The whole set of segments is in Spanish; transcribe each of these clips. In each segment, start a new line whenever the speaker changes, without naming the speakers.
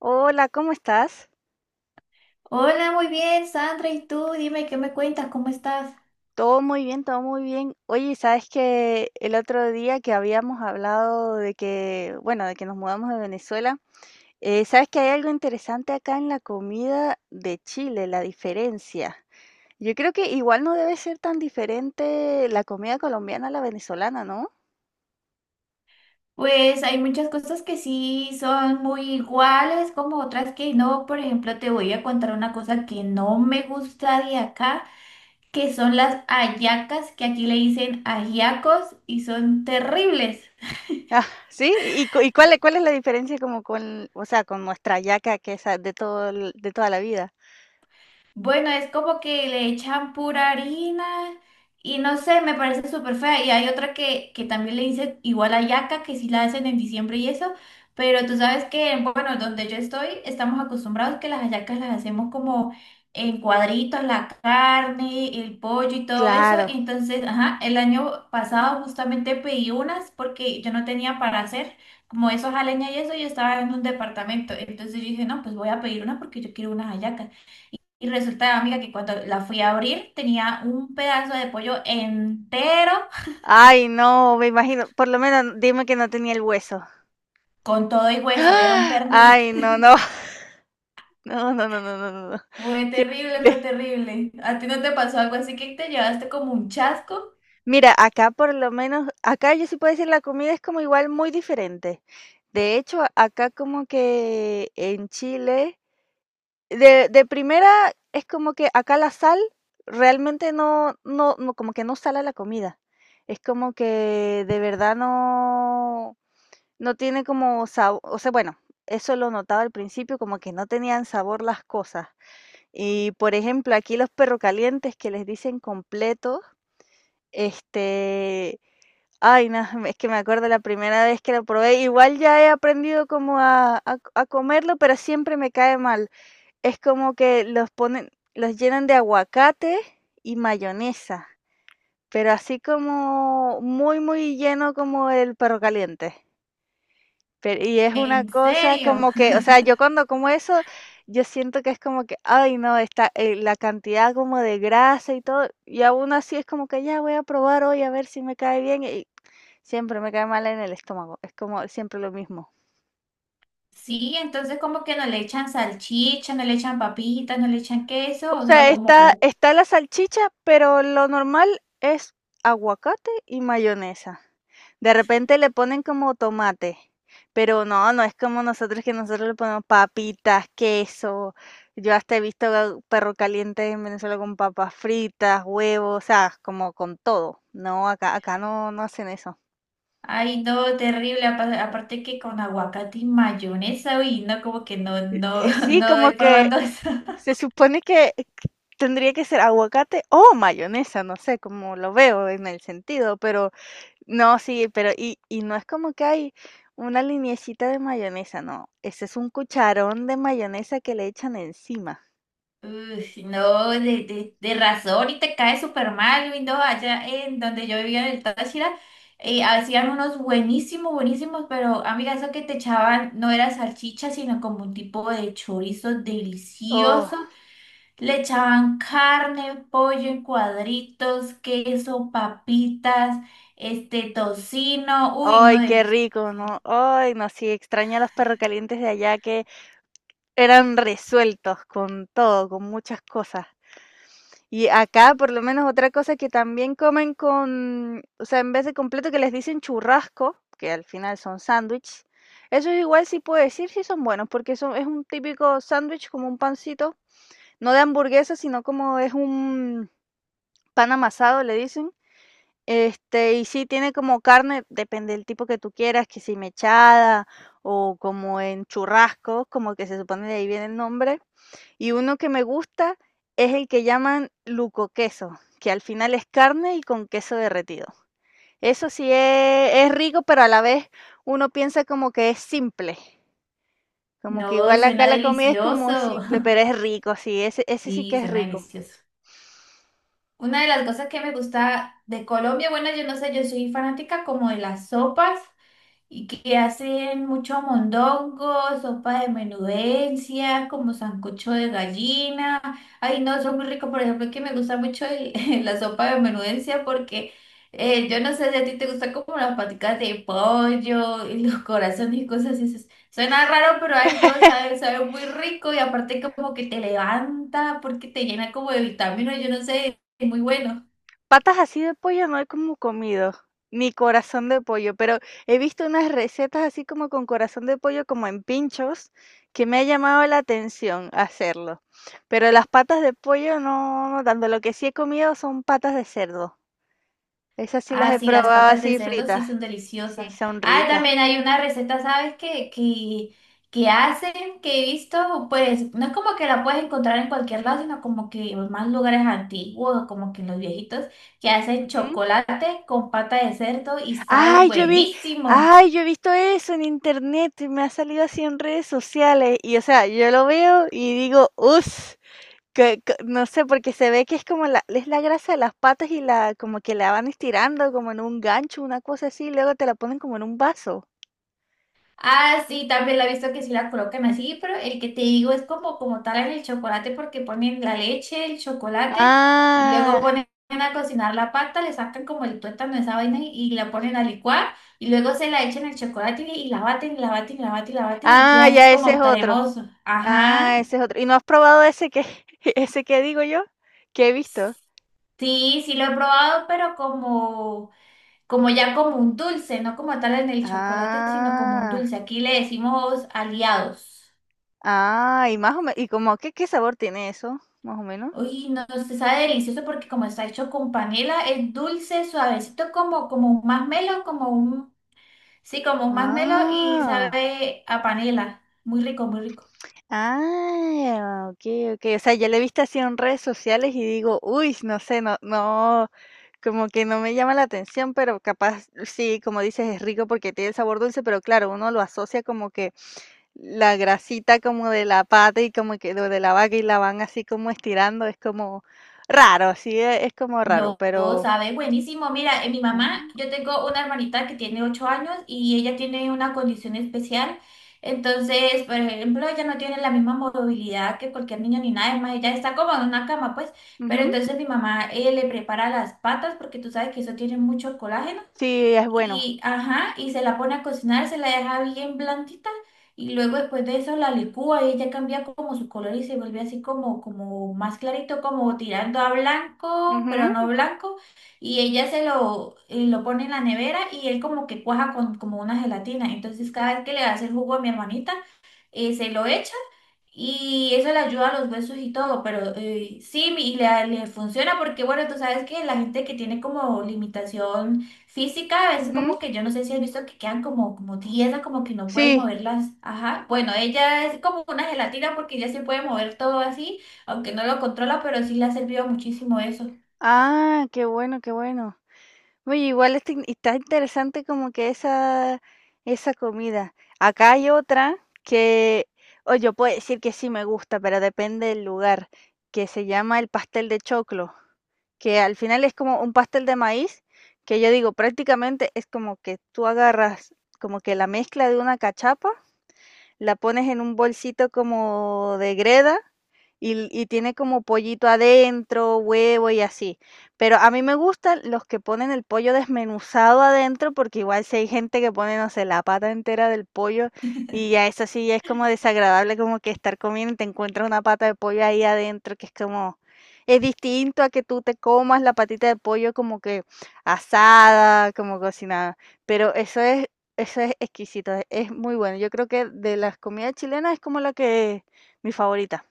Hola, ¿cómo estás?
Hola, muy bien, Sandra. ¿Y tú? Dime, ¿qué me cuentas? ¿Cómo estás?
Todo muy bien, todo muy bien. Oye, ¿sabes que el otro día que habíamos hablado de que, bueno, de que nos mudamos de Venezuela, ¿sabes que hay algo interesante acá en la comida de Chile, la diferencia? Yo creo que igual no debe ser tan diferente la comida colombiana a la venezolana, ¿no?
Pues hay muchas cosas que sí son muy iguales, como otras que no. Por ejemplo, te voy a contar una cosa que no me gusta de acá, que son las hallacas, que aquí le dicen ajiacos y son terribles.
Ah, sí, ¿y, y cuál, cuál es la diferencia como con, o sea, con nuestra yaca que es de todo, de toda la vida?
Bueno, es como que le echan pura harina y no sé, me parece súper fea. Y hay otra que también le dicen igual a yaca, que sí la hacen en diciembre y eso, pero tú sabes que, bueno, donde yo estoy, estamos acostumbrados que las hallacas las hacemos como en cuadritos, la carne, el pollo y todo eso.
Claro.
Entonces, ajá, el año pasado justamente pedí unas porque yo no tenía para hacer. Como esos a leña y eso, yo estaba en un departamento. Entonces yo dije, no, pues voy a pedir una porque yo quiero unas hallacas. Y resulta, amiga, que cuando la fui a abrir tenía un pedazo de pollo entero
Ay, no, me imagino. Por lo menos dime que no tenía el hueso.
con todo y hueso, era un
¡Ah!
pernil.
Ay, no, no. No, no, no, no, no, no, no.
Fue
Qué
terrible,
horrible.
fue terrible. ¿A ti no te pasó algo así que te llevaste como un chasco?
Mira, acá por lo menos, acá yo sí puedo decir la comida es como igual muy diferente. De hecho, acá como que en Chile, de primera es como que acá la sal realmente no, no, no, como que no sala la comida. Es como que de verdad no. No tiene como sabor, o sea, bueno, eso lo notaba al principio, como que no tenían sabor las cosas. Y, por ejemplo, aquí los perro calientes que les dicen completos, este, ay, no, es que me acuerdo la primera vez que lo probé, igual ya he aprendido como a comerlo, pero siempre me cae mal. Es como que los ponen, los llenan de aguacate y mayonesa, pero así como muy, muy lleno como el perro caliente. Pero y es una
¿En
cosa
serio?
como que, o sea, yo cuando como eso, yo siento que es como que, ay, no, está la cantidad como de grasa y todo, y aún así es como que ya voy a probar hoy a ver si me cae bien y siempre me cae mal en el estómago, es como siempre lo mismo.
Sí, entonces como que no le echan salchicha, no le echan papitas, no le echan queso,
O
o solo
sea, está,
como,
está la salchicha, pero lo normal es aguacate y mayonesa. De repente le ponen como tomate, pero no, no es como nosotros, que nosotros le ponemos papitas, queso. Yo hasta he visto perro caliente en Venezuela con papas fritas, huevos, o sea, como con todo. No, acá, acá no, no hacen eso.
ay, no, terrible. Aparte que con aguacate y mayonesa, uy, no, como que no, no,
Sí,
no doy
como que
probando eso.
se supone que tendría que ser aguacate o mayonesa, no sé cómo lo veo en el sentido, pero no, sí, pero y no es como que hay una liniecita de mayonesa, no, ese es un cucharón de mayonesa que le echan encima.
Uy, no, de razón y te cae súper mal, Luis, no, allá en donde yo vivía en el Táchira, hacían unos buenísimos, buenísimos, pero amiga, eso que te echaban no era salchicha, sino como un tipo de chorizo
Oh,
delicioso, le echaban carne, pollo en cuadritos, queso, papitas, este tocino, uy, no,
ay, qué
deli-
rico, ¿no? Ay, no, sí, extraño a los perrocalientes de allá que eran resueltos con todo, con muchas cosas. Y acá, por lo menos, otra cosa que también comen con, o sea, en vez de completo que les dicen churrasco, que al final son sándwich, eso igual sí puedo decir si son buenos, porque son, es un típico sándwich como un pancito, no de hamburguesa, sino como es un pan amasado, le dicen. Y sí tiene como carne, depende del tipo que tú quieras, que si mechada o como en churrascos, como que se supone de ahí viene el nombre. Y uno que me gusta es el que llaman luco queso, que al final es carne y con queso derretido. Eso sí es rico, pero a la vez uno piensa como que es simple. Como que
no,
igual acá
suena
la comida es como
delicioso,
simple, pero es rico, sí, ese, ese sí
sí,
que es
suena
rico.
delicioso. Una de las cosas que me gusta de Colombia, bueno, yo no sé, yo soy fanática como de las sopas y que hacen mucho mondongo, sopa de menudencias, como sancocho de gallina. Ay, no, son muy ricos. Por ejemplo, que me gusta mucho la sopa de menudencia porque yo no sé si a ti te gustan como las paticas de pollo y los corazones y cosas así. Suena raro, pero ay, no, sabe, sabe muy rico y aparte como que te levanta porque te llena como de vitaminas, yo no sé, es muy bueno.
Patas así de pollo no he como comido, ni corazón de pollo, pero he visto unas recetas así como con corazón de pollo, como en pinchos, que me ha llamado la atención hacerlo. Pero las patas de pollo no, no tanto. Lo que sí he comido son patas de cerdo. Esas sí las
Ah,
he
sí, las
probado
patas de
así
cerdo sí
fritas.
son
Sí,
deliciosas.
son
Ah,
ricas.
también hay una receta, ¿sabes qué? Que hacen, que he visto, pues no es como que la puedes encontrar en cualquier lado, sino como que en más lugares antiguos, como que en los viejitos, que hacen
Ujú.
chocolate con pata de cerdo y sabe
Ay, yo vi,
buenísimo.
ay, yo he visto eso en internet, y me ha salido así en redes sociales y, o sea, yo lo veo y digo: "Us, que no sé", porque se ve que es como la, es la grasa de las patas y la, como que la van estirando como en un gancho, una cosa así, y luego te la ponen como en un vaso.
Ah, sí, también la he visto que sí la colocan así, pero el que te digo es como, como tal en el chocolate porque ponen la leche, el chocolate y
Ah,
luego ponen a cocinar la pata, le sacan como el tuétano, esa vaina y la ponen a licuar y luego se la echan el chocolate y la baten, y la baten, y la baten, y la baten y
ah,
queda así
ya ese es
como
otro.
cremoso. Ajá.
Ah, ese es otro. ¿Y no has probado ese que ese que digo yo? Que he visto.
Sí, sí lo he probado, pero como, como ya como un dulce, no como tal en el chocolate, sino como un
Ah,
dulce. Aquí le decimos aliados.
ah, y más o menos, ¿y como qué qué sabor tiene eso? Más o menos.
Uy, no, se sabe delicioso porque como está hecho con panela, es dulce, suavecito, como, como un masmelo, como un, sí, como un masmelo y
Ah,
sabe a panela. Muy rico, muy rico.
ah, okey, okey. O sea, ya le he visto así en redes sociales y digo: "Uy, no sé, no, no, como que no me llama la atención, pero capaz, sí, como dices, es rico porque tiene el sabor dulce, pero claro, uno lo asocia como que la grasita como de la pata y como que lo de la vaca y la van así como estirando, es como raro, sí, es como raro,
No,
pero".
sabes, buenísimo. Mira, mi mamá,
Oh.
yo tengo una hermanita que tiene 8 años y ella tiene una condición especial. Entonces, por ejemplo, ella no tiene la misma movilidad que cualquier niño ni nada, es más ella está como en una cama, pues. Pero
Ujú,
entonces mi mamá le prepara las patas porque tú sabes que eso tiene mucho colágeno
sí, es bueno.
y, ajá, y se la pone a cocinar, se la deja bien blandita y luego después de eso la licúa y ya cambia como su color y se vuelve así como, como más clarito, como tirando a blanco, pero no
Ujú,
blanco. Y ella se lo pone en la nevera y él como que cuaja con como una gelatina. Entonces cada vez que le hace el jugo a mi hermanita, se lo echa y eso le ayuda a los huesos y todo, pero sí, le funciona porque, bueno, tú sabes que la gente que tiene como limitación física, a veces
ujú,
como que yo no sé si has visto que quedan como, como tiesas, como que no pueden
sí,
moverlas. Ajá. Bueno, ella es como una gelatina porque ella sí puede mover todo así, aunque no lo controla, pero sí le ha servido muchísimo eso.
ah, qué bueno, qué bueno. Oye, igual está está interesante como que esa comida. Acá hay otra que, o yo puedo decir que sí me gusta, pero depende del lugar, que se llama el pastel de choclo, que al final es como un pastel de maíz, que yo digo, prácticamente es como que tú agarras como que la mezcla de una cachapa, la pones en un bolsito como de greda y tiene como pollito adentro, huevo y así. Pero a mí me gustan los que ponen el pollo desmenuzado adentro, porque igual si hay gente que pone, no sé, la pata entera del pollo, y ya eso sí ya es como desagradable, como que estar comiendo y te encuentras una pata de pollo ahí adentro, que es como... Es distinto a que tú te comas la patita de pollo como que asada, como cocinada. Pero eso es, eso es exquisito, es muy bueno. Yo creo que de las comidas chilenas es como la que, mi favorita,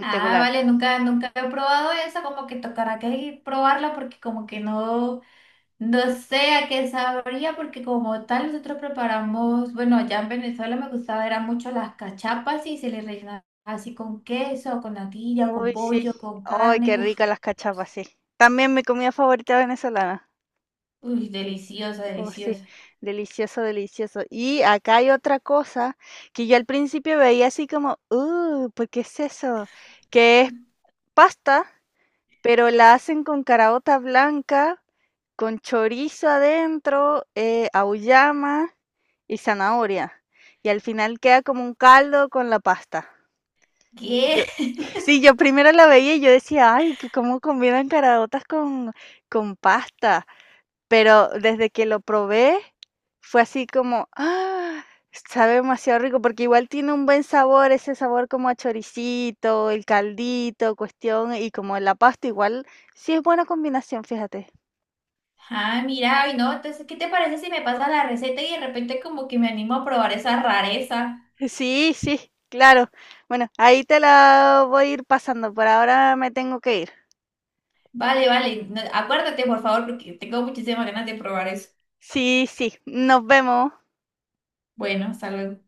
Ah, vale, nunca, nunca he probado eso, como que tocará que probarla porque como que no. No sé a qué sabría porque como tal nosotros preparamos, bueno, allá en Venezuela me gustaba era mucho las cachapas y se les rellenaba así con queso, con natilla,
Uy,
con
sí.
pollo, con
Ay,
carne.
qué
Uf,
rica las cachapas, sí. También mi comida favorita venezolana.
uy, deliciosa,
Oh, sí,
deliciosa.
delicioso, delicioso. Y acá hay otra cosa que yo al principio veía así como, ¿por qué es eso? Que es pasta, pero la hacen con caraota blanca, con chorizo adentro, auyama y zanahoria. Y al final queda como un caldo con la pasta. Yo,
¿Qué?
sí, yo primero la veía y yo decía, ay, que cómo combinan caraotas con pasta. Pero desde que lo probé, fue así como, ah, sabe demasiado rico, porque igual tiene un buen sabor, ese sabor como a choricito, el caldito, cuestión, y como la pasta, igual sí es buena combinación, fíjate.
Ah, mira, ay no, entonces, ¿qué te parece si me pasa la receta y de repente como que me animo a probar esa rareza?
Sí, sí, claro. Bueno, ahí te la voy a ir pasando. Por ahora me tengo que ir.
Vale, vale, no, acuérdate por favor porque tengo muchísimas ganas de probar eso.
Sí, sí. Nos vemos.
Bueno, hasta luego.